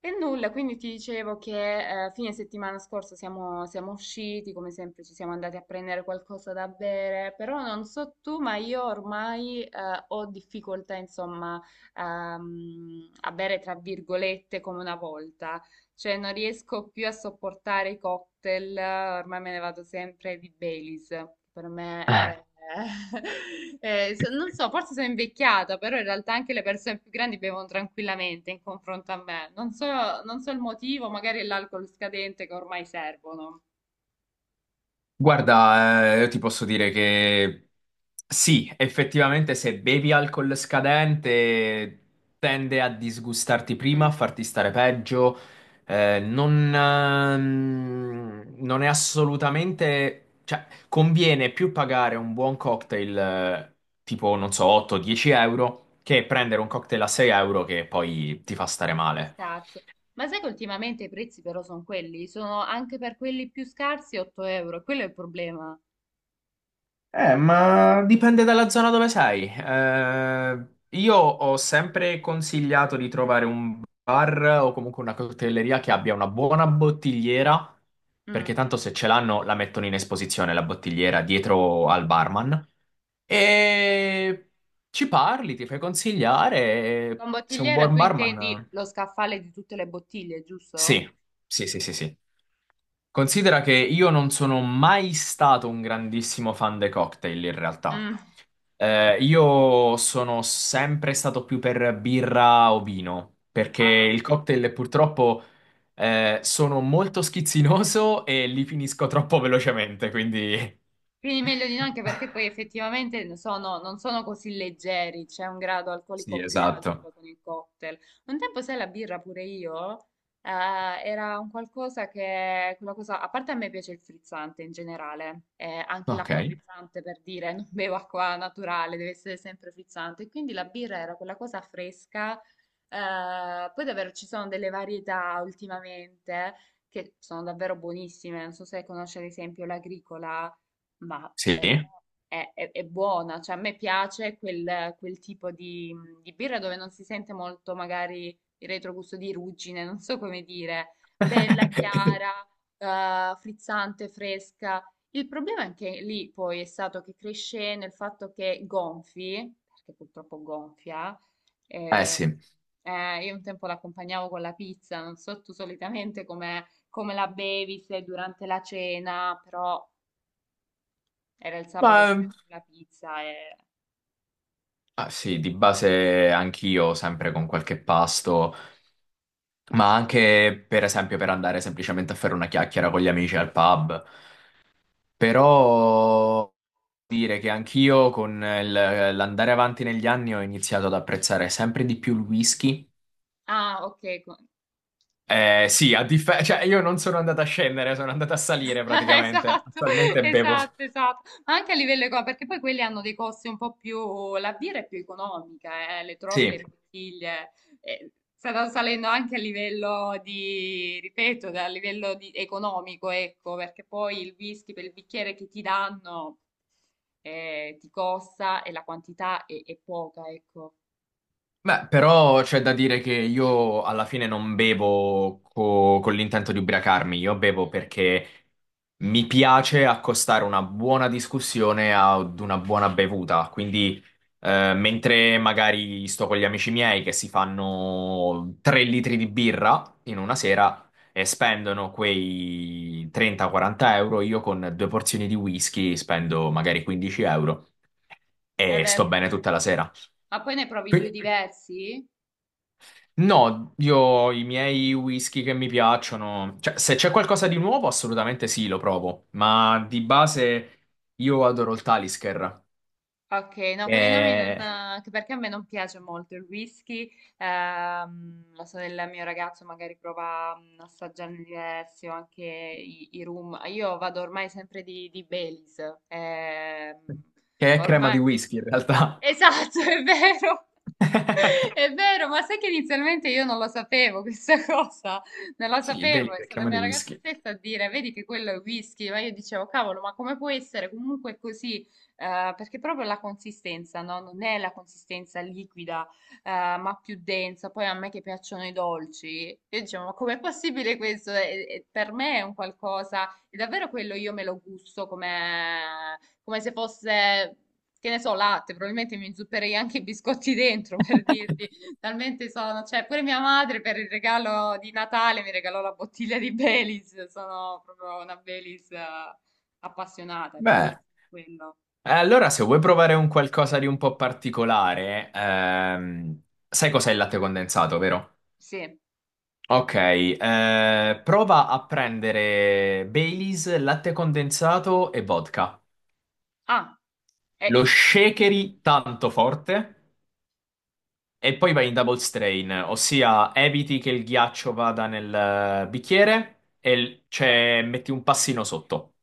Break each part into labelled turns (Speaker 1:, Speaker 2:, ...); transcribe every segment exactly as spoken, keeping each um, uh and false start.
Speaker 1: E nulla, quindi ti dicevo che eh, fine settimana scorsa siamo, siamo usciti, come sempre ci siamo andati a prendere qualcosa da bere, però non so tu, ma io ormai eh, ho difficoltà, insomma, ehm, a bere tra virgolette come una volta. Cioè, non riesco più a sopportare i cocktail, ormai me ne vado sempre di Baileys, che per me
Speaker 2: Eh,
Speaker 1: è... è- so- non so, forse sono invecchiata, però in realtà anche le persone più grandi bevono tranquillamente in confronto a me. Non so, non so il motivo, magari è l'alcol scadente che ormai servono.
Speaker 2: Guarda, eh, io ti posso dire che sì, effettivamente se bevi alcol scadente tende a disgustarti prima, a
Speaker 1: Mm,
Speaker 2: farti stare peggio. Eh, non, ehm, non è assolutamente... cioè, conviene più pagare un buon cocktail eh, tipo, non so, otto-dieci euro che prendere un cocktail a sei euro che poi ti fa stare
Speaker 1: è
Speaker 2: male.
Speaker 1: scarso. Ma sai che ultimamente i prezzi però sono quelli? Sono anche per quelli più scarsi otto euro, quello è il problema.
Speaker 2: Eh, ma dipende dalla zona dove sei. Eh, io ho sempre consigliato di trovare un bar o comunque una cocktaileria che abbia una buona bottigliera,
Speaker 1: Mm.
Speaker 2: perché tanto se ce l'hanno la mettono in esposizione la bottigliera dietro al barman. E ci parli, ti fai consigliare. e
Speaker 1: Con
Speaker 2: Se un
Speaker 1: bottigliera
Speaker 2: buon
Speaker 1: tu intendi
Speaker 2: barman.
Speaker 1: lo scaffale di tutte le bottiglie, giusto?
Speaker 2: Sì, sì, sì, sì, sì. Considera che io non sono mai stato un grandissimo fan dei cocktail in realtà.
Speaker 1: Mm.
Speaker 2: Eh, io sono sempre stato più per birra o vino, perché
Speaker 1: Ah.
Speaker 2: il cocktail purtroppo eh, sono molto schizzinoso e li finisco troppo velocemente, quindi...
Speaker 1: Quindi meglio di no, anche perché poi effettivamente sono- non sono così leggeri, c'è un grado
Speaker 2: Sì,
Speaker 1: alcolico più alto
Speaker 2: esatto.
Speaker 1: poi con il cocktail. Un tempo, sai, la birra pure io, eh, era un qualcosa che, quella cosa, a parte a me piace il frizzante in generale, eh, anche
Speaker 2: Ok,
Speaker 1: l'acqua frizzante per dire, non bevo acqua naturale, deve essere sempre frizzante, quindi la birra era quella cosa fresca, eh, poi davvero ci sono delle varietà ultimamente che sono davvero buonissime, non so se conosci ad esempio l'agricola, ma per me
Speaker 2: sì.
Speaker 1: è, è- è buona, cioè a me piace quel, quel tipo di, di birra dove non si sente molto magari il retrogusto di ruggine, non so come dire, bella, chiara, eh, frizzante, fresca. Il problema anche lì poi è stato che cresce nel fatto che gonfi, perché purtroppo gonfia,
Speaker 2: Eh
Speaker 1: eh,
Speaker 2: sì,
Speaker 1: eh, io un tempo l'accompagnavo con la pizza, non so tu solitamente come, come la bevi, se durante la cena, però era il
Speaker 2: ma
Speaker 1: sabato sera con la pizza e...
Speaker 2: ah, sì, di base anch'io sempre con qualche pasto, ma anche per esempio per andare semplicemente a fare una chiacchiera con gli amici al pub. Però dire che anch'io con il- l'andare avanti negli anni ho iniziato ad apprezzare sempre di più il whisky.
Speaker 1: Ah, ok. co-
Speaker 2: Eh, sì, a differenza, cioè io non sono andato a scendere, sono andato a salire praticamente.
Speaker 1: Esatto,
Speaker 2: Attualmente bevo.
Speaker 1: esatto, esatto. Ma anche a livello economico, perché poi quelli hanno dei costi un po' più... La birra è più economica, eh, le trovi le
Speaker 2: Sì.
Speaker 1: bottiglie. eh, Stanno salendo anche a livello di, ripeto, da- a livello di- economico, ecco, perché poi il whisky per il bicchiere che ti danno eh, ti costa e la quantità è, è poca, ecco.
Speaker 2: Beh, però c'è da dire che io alla fine non bevo co- con l'intento di ubriacarmi, io bevo
Speaker 1: Mm.
Speaker 2: perché mi piace accostare una buona discussione ad una buona bevuta. Quindi, eh, mentre magari sto con gli amici miei che si fanno tre litri di birra in una sera e spendono quei trenta-quaranta euro, io con due porzioni di whisky spendo magari quindici euro
Speaker 1: Eh
Speaker 2: e sto
Speaker 1: beh,
Speaker 2: bene tutta la sera.
Speaker 1: ma poi ne provi due diversi?
Speaker 2: No, io i miei whisky che mi piacciono, cioè se c'è qualcosa di nuovo assolutamente sì, lo provo, ma di base io adoro il Talisker,
Speaker 1: Ok, no, con i nomi non...
Speaker 2: che,
Speaker 1: anche perché a me non piace molto il whisky, ehm, la sorella del mio ragazzo magari prova mm, a assaggiarne diversi o anche i, i rum. Io vado ormai sempre di, di Baileys, ehm,
Speaker 2: che è crema di
Speaker 1: ormai...
Speaker 2: whisky in realtà.
Speaker 1: Esatto, è vero. È vero, ma sai che inizialmente io non lo sapevo questa cosa, non lo
Speaker 2: Sì, il
Speaker 1: sapevo,
Speaker 2: Baileys
Speaker 1: è
Speaker 2: è
Speaker 1: stata
Speaker 2: crema di
Speaker 1: mia ragazza
Speaker 2: whisky.
Speaker 1: stessa a dire, vedi che quello è whisky, ma io dicevo, cavolo, ma come può essere comunque così? Eh, perché proprio la consistenza, no? Non è la consistenza liquida, eh, ma più densa. Poi a me che piacciono i dolci, io dicevo, ma com'è possibile questo? E- e per me è un qualcosa, è davvero quello, io me lo gusto come, come se fosse, che ne so, latte, probabilmente mi inzupperei anche i biscotti dentro, per dirti, talmente sono, cioè pure mia madre per il regalo di Natale mi regalò la bottiglia di Baileys, sono proprio una Baileys eh, appassionata, è
Speaker 2: Beh,
Speaker 1: buonissimo quello.
Speaker 2: eh, allora se vuoi provare un qualcosa di un po' particolare, ehm, sai cos'è il latte condensato, vero?
Speaker 1: Sì.
Speaker 2: Ok, eh, prova a prendere Baileys, latte condensato e vodka.
Speaker 1: Ah, eh,
Speaker 2: Lo shakeri tanto forte e poi vai in double strain, ossia eviti che il ghiaccio vada nel eh, bicchiere e l-
Speaker 1: o-
Speaker 2: cioè, metti un passino sotto.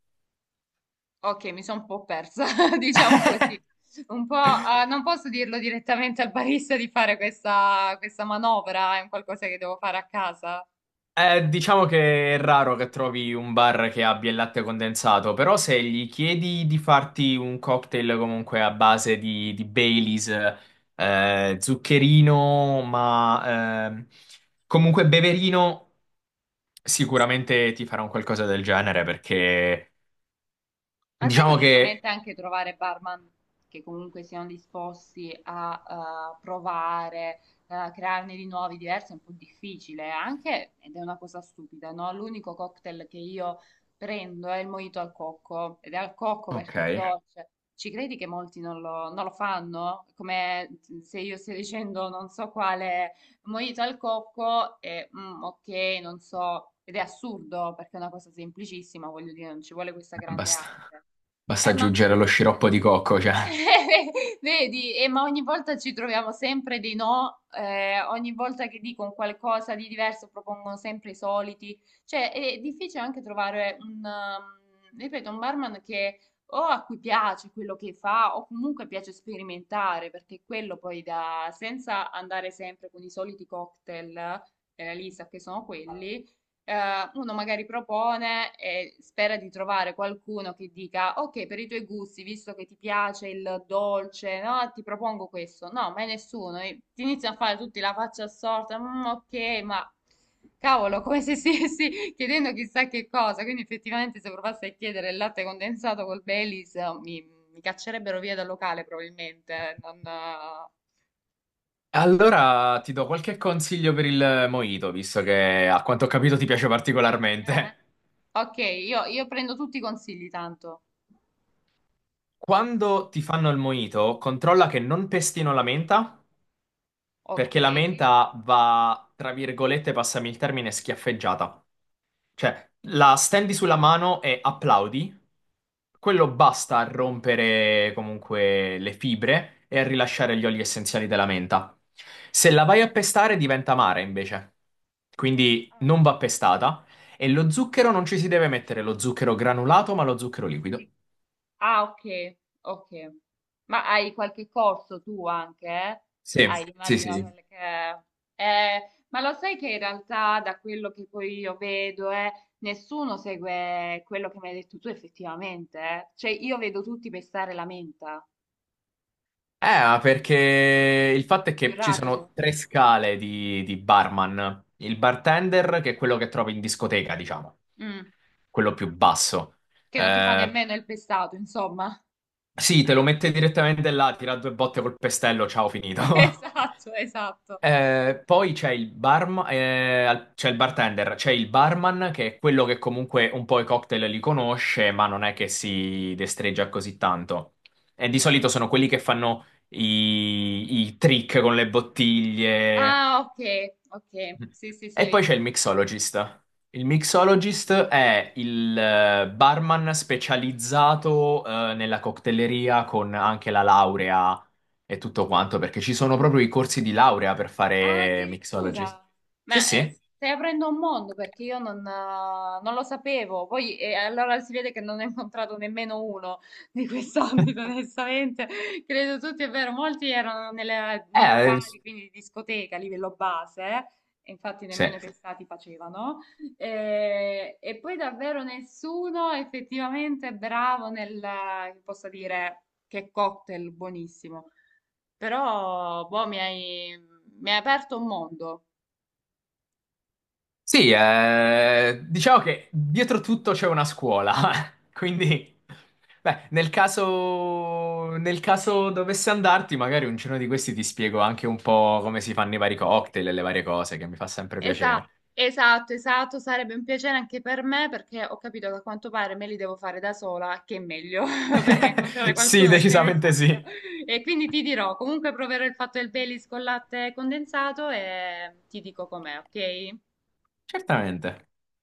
Speaker 1: ok, mi sono un po' persa, diciamo così. Un po', ah, non posso dirlo direttamente al barista di fare questa, questa manovra, è un qualcosa che devo fare a casa.
Speaker 2: Eh, diciamo che è raro che trovi un bar che abbia il latte condensato, però se gli chiedi di farti un cocktail comunque a base di, di Baileys, eh, zuccherino, ma ehm, comunque beverino, sicuramente ti farà un qualcosa del genere perché
Speaker 1: Ma sai che
Speaker 2: diciamo che...
Speaker 1: ultimamente anche trovare barman che comunque siano disposti a eh, provare, eh, a crearne di nuovi, diversi, è un po' difficile, eh, anche, ed è una cosa stupida, no? L'unico cocktail che io prendo è il mojito al cocco, ed è al cocco
Speaker 2: Ok,
Speaker 1: perché è ok, dolce. Ci credi che molti non lo, non lo fanno? Come mm, se io stia dicendo non so quale mojito al cocco e mm, ok, non so, ed è assurdo perché è una cosa semplicissima, voglio dire, non ci vuole questa grande
Speaker 2: basta,
Speaker 1: arte.
Speaker 2: basta
Speaker 1: Eh, ma
Speaker 2: aggiungere lo sciroppo di cocco, cioè...
Speaker 1: vedi, eh, ma ogni volta ci troviamo sempre dei no, eh, ogni volta che dico un qualcosa di diverso propongono sempre i soliti. Cioè, è difficile anche trovare un, um, ripeto, un barman che o a cui piace quello che fa o comunque piace sperimentare, perché quello poi da, senza andare sempre con i soliti cocktail, eh, lì sa che sono quelli, eh, uno magari propone e spera di trovare qualcuno che dica: ok, per i tuoi gusti, visto che ti piace il dolce, no? Ti propongo questo. No, mai nessuno. E ti iniziano a fare tutti la faccia assorta. "Mm, ok, ma cavolo", come se stessi chiedendo chissà che cosa. Quindi, effettivamente, se provassi a chiedere il latte condensato col Baileys, eh, mi, mi caccerebbero via dal locale, probabilmente. Eh, non,
Speaker 2: Allora ti do qualche consiglio per il mojito, visto che a quanto ho capito ti piace
Speaker 1: eh.
Speaker 2: particolarmente.
Speaker 1: Ok, io io prendo tutti i consigli, tanto.
Speaker 2: Quando ti fanno il mojito, controlla che non pestino la menta,
Speaker 1: Ok.
Speaker 2: perché la menta va, tra virgolette, passami il termine, schiaffeggiata. Cioè, la stendi sulla mano e applaudi. Quello basta a rompere comunque le fibre e a rilasciare gli oli essenziali della menta. Se la vai a pestare diventa amara invece. Quindi
Speaker 1: Ah.
Speaker 2: non va pestata. E lo zucchero non ci si deve mettere lo zucchero granulato, ma lo zucchero liquido.
Speaker 1: Ah, ok, ok. Ma hai qualche corso tu anche, eh?
Speaker 2: Sì,
Speaker 1: Hai,
Speaker 2: sì,
Speaker 1: immagino
Speaker 2: sì.
Speaker 1: quelle che... Eh, ma lo sai che in realtà da quello che poi io vedo, eh, nessuno segue quello che mi hai detto tu effettivamente, eh? Cioè io vedo tutti pestare la menta,
Speaker 2: Eh, ma perché il fatto è
Speaker 1: è più
Speaker 2: che ci sono
Speaker 1: rapido,
Speaker 2: tre scale di, di barman. Il bartender, che è quello che trovi in discoteca, diciamo,
Speaker 1: mm,
Speaker 2: quello più basso.
Speaker 1: che non ti fa
Speaker 2: Eh,
Speaker 1: nemmeno il pestato, insomma.
Speaker 2: sì, te lo mette direttamente là, tira due botte col pestello, ciao, finito.
Speaker 1: Esatto, esatto.
Speaker 2: Eh, poi c'è il barm- eh, al- c'è il bartender, c'è il barman che è quello che comunque un po' i cocktail li conosce, ma non è che si destreggia così tanto. E di solito sono quelli che fanno i, i trick con le bottiglie.
Speaker 1: Ah, ok, ok.
Speaker 2: Mm.
Speaker 1: Sì, sì, sì.
Speaker 2: E poi c'è il mixologist. Il mixologist è il eh, barman specializzato eh, nella coctelleria con anche la laurea e tutto quanto, perché ci sono proprio i corsi di laurea per
Speaker 1: Ah,
Speaker 2: fare mixologist.
Speaker 1: addirittura.
Speaker 2: Sì,
Speaker 1: Ma eh,
Speaker 2: sì.
Speaker 1: stai aprendo un mondo perché io non, eh, non lo sapevo. Poi eh, allora si vede che non ne ho incontrato nemmeno uno di quest'ambito, onestamente. Credo tutti, è vero, molti erano nelle- nei
Speaker 2: Eh,
Speaker 1: locali, quindi di discoteca a livello base. eh, e Infatti
Speaker 2: sì.
Speaker 1: nemmeno i testati facevano. Eh, e poi davvero nessuno effettivamente è bravo nel, eh, che possa dire, che cocktail buonissimo. Però, boh, mi hai, mi hai aperto un mondo.
Speaker 2: Sì, eh, diciamo che dietro tutto c'è una scuola, quindi beh, nel caso, nel caso dovesse andarti, magari un giorno di questi ti spiego anche un po' come si fanno i vari cocktail e le varie cose, che mi fa sempre
Speaker 1: Esa-
Speaker 2: piacere.
Speaker 1: esatto, esatto, sarebbe un piacere anche per me perché ho capito che a quanto pare me li devo fare da sola, che è meglio, perché incontrare
Speaker 2: Sì,
Speaker 1: qualcuno che ne
Speaker 2: decisamente
Speaker 1: sappia.
Speaker 2: sì.
Speaker 1: E quindi ti dirò, comunque proverò il fatto del Baileys con latte condensato e ti dico com'è, ok?
Speaker 2: Certamente.